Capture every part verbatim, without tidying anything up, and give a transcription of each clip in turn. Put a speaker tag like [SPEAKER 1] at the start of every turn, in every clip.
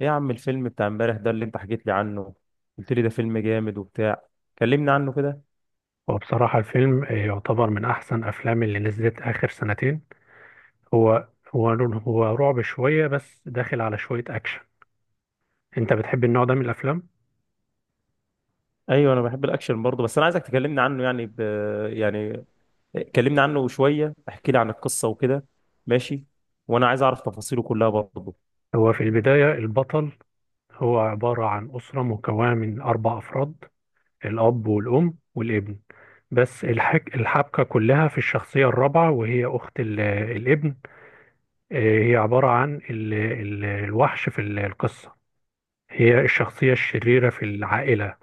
[SPEAKER 1] ايه يا عم الفيلم بتاع امبارح ده اللي انت حكيت لي عنه. قلت لي ده فيلم جامد وبتاع، كلمني عنه كده.
[SPEAKER 2] وبصراحة الفيلم يعتبر من أحسن أفلام اللي نزلت آخر سنتين. هو هو هو رعب شوية بس داخل على شوية أكشن. أنت بتحب النوع ده من الأفلام؟
[SPEAKER 1] ايوه انا بحب الاكشن برضه، بس انا عايزك تكلمني عنه، يعني ب... يعني كلمني عنه شويه، احكي لي عن القصه وكده. ماشي، وانا عايز اعرف تفاصيله كلها برضه.
[SPEAKER 2] هو في البداية البطل، هو عبارة عن أسرة مكونة من أربع أفراد، الأب والأم والابن. بس الحك... الحبكة كلها في الشخصية الرابعة، وهي أخت ال... الابن. آه، هي عبارة عن ال... ال... الوحش في القصة. هي الشخصية الشريرة في العائلة.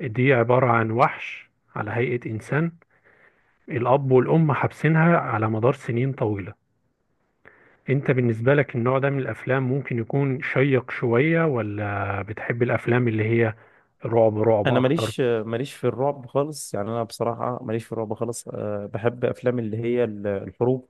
[SPEAKER 2] دي عبارة عن وحش على هيئة إنسان. الأب والأم حابسينها على مدار سنين طويلة. أنت بالنسبة لك النوع ده من الأفلام ممكن يكون شيق شوية، ولا بتحب الأفلام اللي هي رعب رعب
[SPEAKER 1] انا
[SPEAKER 2] أكتر؟
[SPEAKER 1] ماليش ماليش في الرعب خالص، يعني انا بصراحه ماليش في الرعب خالص. أه، بحب افلام اللي هي ال- الحروب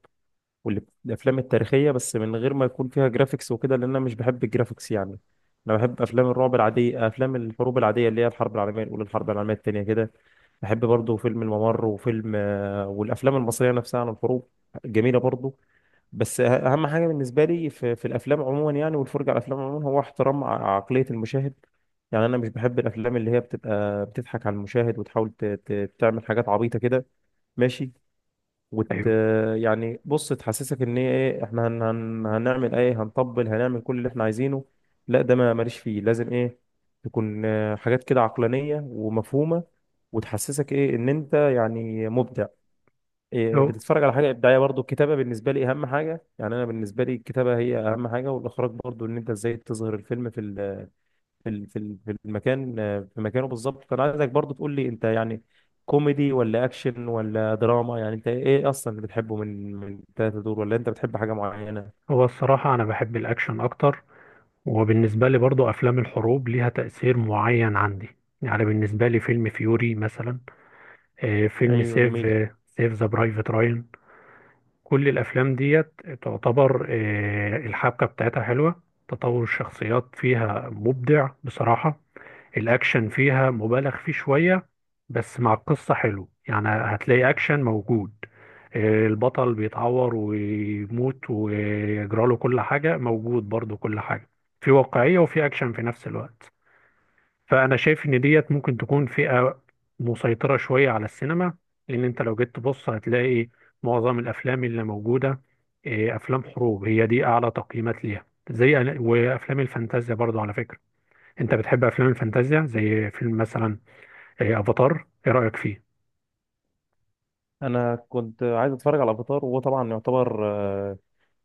[SPEAKER 1] والافلام التاريخيه، بس من غير ما يكون فيها جرافيكس وكده، لان انا مش بحب الجرافيكس يعني. انا بحب افلام الرعب العاديه، افلام الحروب العاديه، اللي هي الحرب العالميه الاولى، الحرب العالميه الثانيه كده. بحب برضه فيلم الممر وفيلم آه، والافلام المصريه نفسها عن الحروب، جميله برضه. بس أه- اهم حاجه بالنسبه لي في, في الافلام عموما، يعني والفرجه على الافلام عموما، هو احترام ع- عقليه المشاهد. يعني انا مش بحب الافلام اللي هي بتبقى بتضحك على المشاهد، وتحاول ت- ت- تعمل حاجات عبيطه كده. ماشي. وت
[SPEAKER 2] أيوه.
[SPEAKER 1] يعني بص، تحسسك ان هي ايه، احنا هن... هن... هنعمل ايه، هنطبل، هنعمل كل اللي احنا عايزينه. لا، ده ما ماليش فيه. لازم ايه، تكون آه، حاجات كده عقلانية ومفهومة، وتحسسك ايه، ان انت يعني مبدع، إيه،
[SPEAKER 2] هو
[SPEAKER 1] بتتفرج على حاجة إبداعية. برضو الكتابة بالنسبة لي اهم حاجة، يعني انا بالنسبة لي الكتابة هي اهم حاجة، والاخراج برضو، ان انت ازاي تظهر الفيلم في في ال- في ال- في المكان، في مكانه بالظبط. فانا عايزك برضو تقول لي انت يعني كوميدي ولا اكشن ولا دراما، يعني انت ايه اصلا اللي بتحبه من من التلاته دول، ولا انت بتحب حاجه معينه؟
[SPEAKER 2] هو الصراحة أنا بحب الأكشن أكتر. وبالنسبة لي برضو أفلام الحروب ليها تأثير معين عندي. يعني بالنسبة لي فيلم فيوري مثلا، آه، فيلم
[SPEAKER 1] ايوه
[SPEAKER 2] سيف
[SPEAKER 1] جميل.
[SPEAKER 2] آه، سيف ذا برايفت راين. كل الافلام ديت تعتبر، آه، الحبكه بتاعتها حلوه. تطور الشخصيات فيها مبدع بصراحه. الاكشن فيها مبالغ فيه شويه، بس مع القصه حلو، يعني هتلاقي اكشن موجود. آه، البطل بيتعور ويموت ويجراله كل حاجه، موجود برضو كل حاجه. في واقعيه وفي اكشن في نفس الوقت. فانا شايف ان ديت ممكن تكون فئة مسيطرة شوية على السينما، لان انت لو جيت تبص هتلاقي معظم الافلام اللي موجودة، إيه، افلام حروب، هي دي اعلى تقييمات ليها زي أنا- وافلام الفانتازيا برضو على فكرة. انت بتحب افلام الفانتازيا زي فيلم مثلا إيه، افاتار، ايه رأيك فيه؟
[SPEAKER 1] انا كنت عايز اتفرج على افاتار، وهو طبعا يعتبر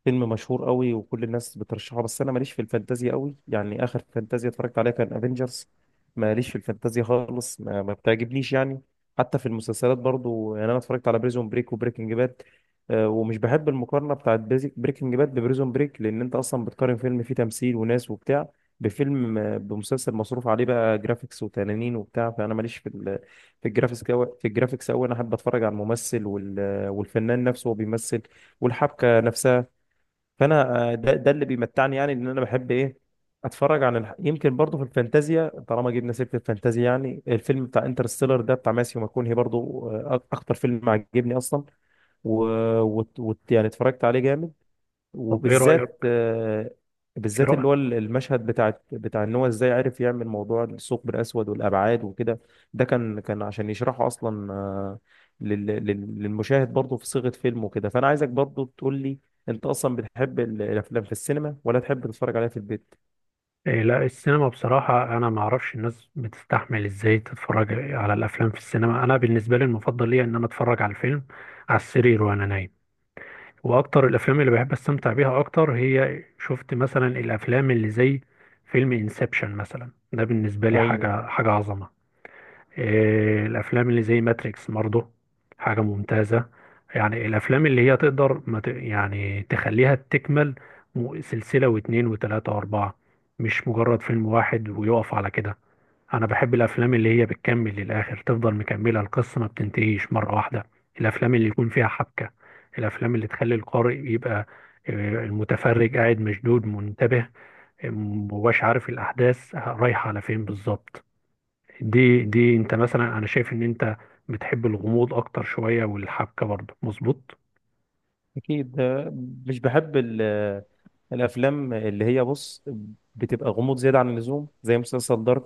[SPEAKER 1] فيلم مشهور قوي وكل الناس بترشحه، بس انا ماليش في الفانتازيا قوي، يعني اخر فانتازيا اتفرجت عليها كان افنجرز. ماليش في الفانتازيا خالص، ما, ما بتعجبنيش يعني. حتى في المسلسلات برضو، يعني انا اتفرجت على بريزون بريك وبريكنج باد، ومش بحب المقارنه بتاعت بريكنج باد ببريزون بريك، لان انت اصلا بتقارن فيلم فيه تمثيل وناس وبتاع بفيلم آه، بمسلسل مصروف عليه بقى جرافيكس وتنانين وبتاع. فانا ماليش في ال في الجرافيكس أوي- في الجرافيكس قوي، انا احب اتفرج على الممثل وال- والفنان نفسه وهو بيمثل، والحبكه نفسها. فانا آه، ده, ده اللي بيمتعني، يعني ان انا بحب ايه، اتفرج عن الح... يمكن برضه في الفانتازيا، طالما جبنا سيره الفانتازيا، يعني الفيلم بتاع انترستيلر ده بتاع ماسيو ماكونهي برضه، آه، اكتر فيلم عجبني اصلا. و... وت... وت... يعني اتفرجت عليه جامد،
[SPEAKER 2] طب ايه
[SPEAKER 1] وبالذات
[SPEAKER 2] رأيك
[SPEAKER 1] آه،
[SPEAKER 2] ايه
[SPEAKER 1] بالذات اللي هو
[SPEAKER 2] رأيك
[SPEAKER 1] المشهد بتاع بتاع ان هو ازاي عرف يعمل موضوع الثقب الاسود والابعاد وكده. ده كان كان عشان يشرحه اصلا، آه، لل- لل- للمشاهد برضه في صيغة فيلم وكده. فانا عايزك برضه تقول لي، انت اصلا بتحب ال- الافلام في السينما، ولا تحب تتفرج عليها في البيت؟
[SPEAKER 2] إيه، لا، السينما بصراحة أنا ما أعرفش الناس بتستحمل إزاي تتفرج على الأفلام في السينما. أنا بالنسبة لي المفضل ليا إن أنا أتفرج على الفيلم على السرير وأنا نايم. واكتر الافلام اللي بحب استمتع بيها اكتر هي، شفت مثلا الافلام اللي زي فيلم انسبشن مثلا، ده بالنسبه لي
[SPEAKER 1] ايوه.
[SPEAKER 2] حاجه حاجه عظمه. إيه الافلام اللي زي ماتريكس برضه حاجه ممتازه. يعني الافلام اللي هي تقدر ما ت... يعني تخليها تكمل. م- سلسله واتنين وتلاته واربعه، مش مجرد فيلم واحد ويقف على كده. انا بحب الافلام اللي هي بتكمل للاخر، تفضل مكمله القصه ما بتنتهيش مره واحده. الافلام اللي يكون فيها حبكه، الافلام اللي تخلي القارئ يبقى آه، المتفرج قاعد مشدود منتبه. آه، مبقاش عارف الاحداث رايحه على فين بالظبط. دي دي انت مثلا، انا شايف ان انت بتحب الغموض اكتر شويه، والحبكه برضه مظبوط.
[SPEAKER 1] اكيد آه، مش بحب ال- آه، الافلام اللي هي، بص، بتبقى غموض زيادة عن اللزوم زي مسلسل دارك.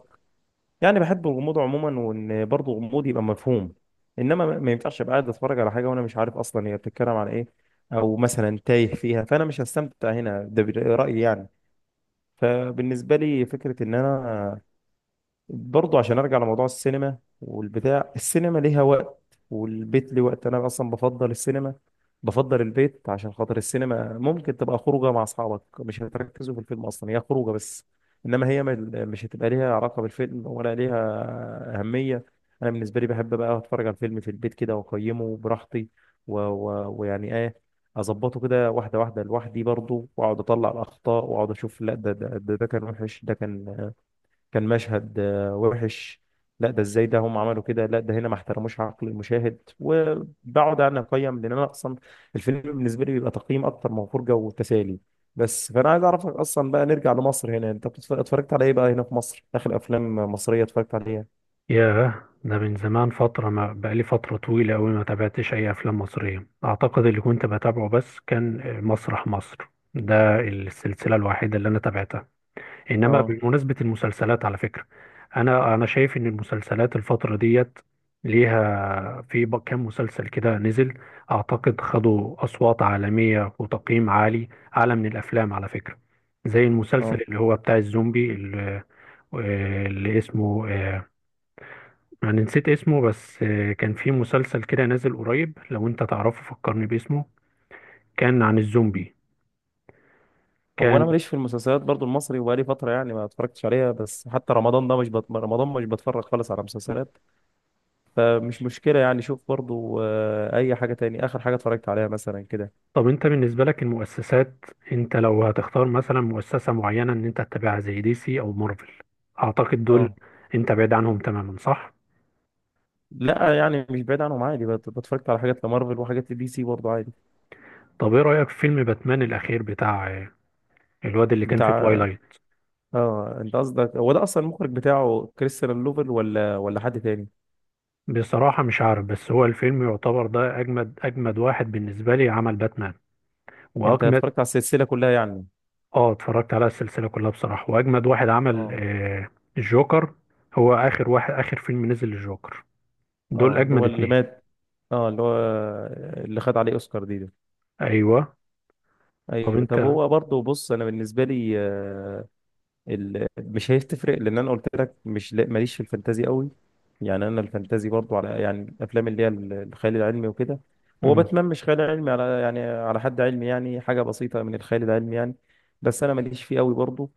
[SPEAKER 1] يعني بحب الغموض عموما، وان برضه الغموض يبقى مفهوم، انما ما ما ينفعش ابقى قاعد اتفرج على حاجه وانا مش عارف اصلا هي بتتكلم عن ايه، او مثلا تايه فيها، فانا مش هستمتع هنا. ده بر- رايي يعني. فبالنسبه لي فكره ان انا برضه، عشان ارجع لموضوع السينما والبتاع، السينما ليها وقت والبيت ليه وقت. انا اصلا بفضل السينما، بفضل البيت عشان خاطر السينما ممكن تبقى خروجه مع اصحابك، مش هتركزوا في الفيلم، اصلا هي خروجه بس، انما هي مل- مش هتبقى ليها علاقه بالفيلم ولا ليها اهميه. انا بالنسبه لي بحب بقى اتفرج على الفيلم في البيت كده، واقيمه براحتي، و... و... ويعني ايه، اظبطه كده واحده واحده لوحدي برضه، واقعد اطلع الاخطاء، واقعد اشوف، لا ده ده ده ده كان وحش، ده كان كان مشهد آه، وحش، لا ده ازاي ده هم عملوا كده، لا ده هنا ما احترموش عقل المشاهد، وبقعد انا اقيم، لان انا اصلا الفيلم بالنسبه لي بيبقى تقييم اكتر من فرجه وتسالي. بس فانا عايز اعرفك اصلا بقى، نرجع لمصر هنا، انت بتتف- اتفرجت على ايه بقى هنا في مصر، اخر افلام مصريه اتفرجت عليها؟
[SPEAKER 2] ياه، ده من زمان فترة، ما بقالي فترة طويلة أوي ما تابعتش أي أفلام مصرية. أعتقد اللي كنت بتابعه بس كان مسرح مصر. ده السلسلة الوحيدة اللي أنا تابعتها. إنما
[SPEAKER 1] اه.
[SPEAKER 2] بمناسبة المسلسلات على فكرة، أنا أنا شايف إن المسلسلات الفترة ديت ليها في ب- كام مسلسل كده نزل، أعتقد خدوا أصوات عالمية وتقييم عالي، أعلى من الأفلام على فكرة، زي المسلسل
[SPEAKER 1] اه.
[SPEAKER 2] اللي هو بتاع الزومبي اللي, اللي اسمه، آه، انا نسيت اسمه، بس آه، كان في مسلسل كده نازل قريب، لو انت تعرفه فكرني باسمه. كان عن الزومبي،
[SPEAKER 1] هو انا
[SPEAKER 2] كان.
[SPEAKER 1] ماليش في المسلسلات برضو المصري، وبقالي فتره يعني ما اتفرجتش عليها، بس حتى رمضان ده مش بت... رمضان مش بتفرج خالص على مسلسلات، فمش مشكله يعني. شوف برضو آه، اي حاجه تاني، اخر حاجه اتفرجت عليها مثلا كده.
[SPEAKER 2] طب انت بالنسبة لك المؤسسات، انت لو هتختار مثلا مؤسسة معينة ان انت تتابعها زي دي سي او مارفل، اعتقد دول
[SPEAKER 1] اه.
[SPEAKER 2] انت بعيد عنهم تماما، صح؟
[SPEAKER 1] لا يعني مش بعيد عنهم عادي، بت- بتفرجت على حاجات لمارفل وحاجات لدي سي برضه عادي.
[SPEAKER 2] طب ايه رأيك في فيلم باتمان الاخير بتاع آه، الواد اللي كان في
[SPEAKER 1] بتاع.
[SPEAKER 2] توايلايت؟
[SPEAKER 1] اه، انت قصدك هو ده، اصلا المخرج بتاعه كريستيان لوفل، ولا ولا حد تاني؟
[SPEAKER 2] بصراحة مش عارف، بس هو الفيلم يعتبر ده اجمد اجمد واحد بالنسبة لي عمل باتمان،
[SPEAKER 1] انت اتفرجت
[SPEAKER 2] واجمد.
[SPEAKER 1] على السلسله كلها يعني؟
[SPEAKER 2] اه، اتفرجت على السلسلة كلها بصراحة، واجمد واحد عمل
[SPEAKER 1] اه.
[SPEAKER 2] آه الجوكر. هو اخر واحد، اخر فيلم نزل الجوكر، دول
[SPEAKER 1] اه، اللي
[SPEAKER 2] اجمد
[SPEAKER 1] هو اللي
[SPEAKER 2] اتنين.
[SPEAKER 1] مات. اه، اللي هو اللي خد عليه اوسكار دي ده.
[SPEAKER 2] ايوه. طب
[SPEAKER 1] ايوه. طب
[SPEAKER 2] انت.
[SPEAKER 1] هو برضه بص، انا بالنسبه لي آه، ال... مش هتفرق، لان انا قلت لك مش لا- ماليش في الفانتازي قوي. يعني انا الفانتازي برضو على، يعني الافلام اللي هي ال- الخيال العلمي وكده. هو
[SPEAKER 2] مم.
[SPEAKER 1] باتمان مش خيال علمي على، يعني على حد علمي يعني، حاجه بسيطه من الخيال العلمي يعني، بس انا ماليش فيه قوي برضو.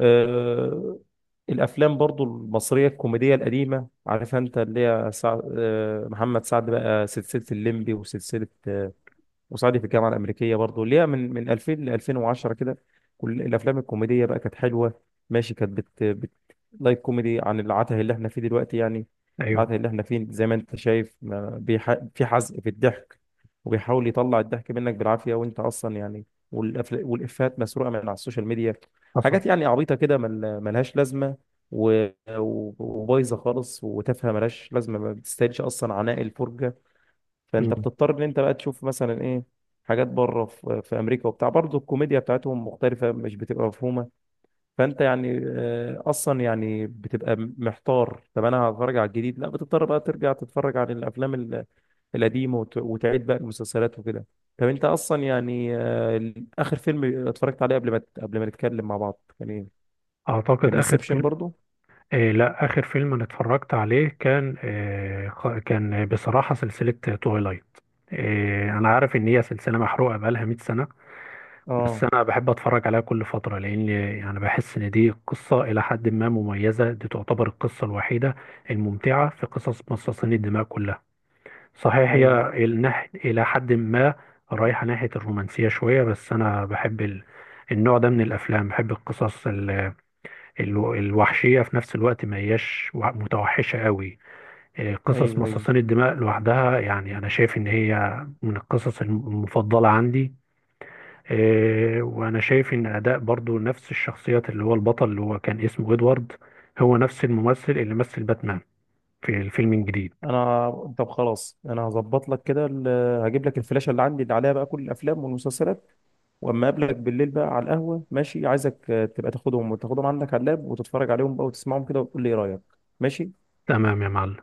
[SPEAKER 1] أه... الافلام برضو المصريه الكوميديه القديمه، عارف انت اللي هي سع... أه... محمد سعد بقى سلسله الليمبي، وسلسله آه، وصعيدي في الجامعه الامريكيه برضه، اللي هي من من ألفين ل ألفين وعشرة كده. كل الافلام الكوميديه بقى كانت حلوه، ماشي. كانت بت, بت... لايت كوميدي عن العته اللي احنا فيه دلوقتي يعني.
[SPEAKER 2] ايوه.
[SPEAKER 1] العته اللي احنا فيه، زي ما انت شايف، ما بيح... في حزق في الضحك، وبيحاول يطلع الضحك منك بالعافيه، وانت اصلا يعني، والأفل... والافات مسروقه من على السوشيال ميديا،
[SPEAKER 2] حصل.
[SPEAKER 1] حاجات يعني عبيطه كده مل... ملهاش لازمه، و... و- وبايظه خالص وتافهه ملهاش لازمه، ما بتستاهلش اصلا عناء الفرجه.
[SPEAKER 2] مم.
[SPEAKER 1] فانت بتضطر ان انت بقى تشوف مثلا ايه، حاجات بره في في امريكا وبتاع، برضه الكوميديا بتاعتهم مختلفه، مش بتبقى مفهومه. فانت يعني آه، اصلا يعني بتبقى محتار، طب انا هتفرج على الجديد، لا، بتضطر بقى ترجع تتفرج على الافلام ال- القديمه، وت- وتعيد بقى المسلسلات وكده. طب انت اصلا يعني آه، اخر فيلم اتفرجت عليه قبل ما قبل ما نتكلم مع بعض كان ايه؟
[SPEAKER 2] اعتقد
[SPEAKER 1] كان
[SPEAKER 2] اخر
[SPEAKER 1] انسبشن
[SPEAKER 2] فيلم،
[SPEAKER 1] برضو.
[SPEAKER 2] آه لا، اخر فيلم انا اتفرجت عليه كان، آه خ- كان بصراحة سلسلة تويلايت. آه انا عارف ان هي سلسلة محروقة بقالها مئة سنة، بس
[SPEAKER 1] اه.
[SPEAKER 2] انا بحب اتفرج عليها كل فتره، لان يعني بحس ان دي قصه الى حد ما مميزه. دي تعتبر القصه الوحيده الممتعه في قصص مصاصين الدماء كلها. صحيح هي
[SPEAKER 1] ايوه.
[SPEAKER 2] النح- الى حد ما رايحه ناحيه الرومانسيه شويه، بس انا بحب ال... النوع ده من الافلام، بحب القصص ال... ال... الوحشيه في نفس الوقت، ما هياش وح- متوحشه قوي. إيه، قصص
[SPEAKER 1] ايوه. ايوه.
[SPEAKER 2] مصاصين الدماء لوحدها يعني انا شايف ان هي من القصص الم- المفضله عندي. آه، وانا شايف ان اداء برضو نفس الشخصيات اللي هو البطل اللي هو كان اسمه ادوارد، هو نفس الممثل اللي مثل باتمان في الفيلم الجديد.
[SPEAKER 1] انا. طب خلاص، انا هظبط لك كده ال- هجيب لك الفلاشه اللي عندي اللي عليها بقى كل الافلام والمسلسلات، واما اقابلك بالليل بقى على القهوه، ماشي، عايزك آه، تبقى تاخدهم، وتاخدهم عندك على اللاب، وتتفرج عليهم بقى وتسمعهم كده وتقول لي ايه رايك. ماشي.
[SPEAKER 2] تمام يا معلم.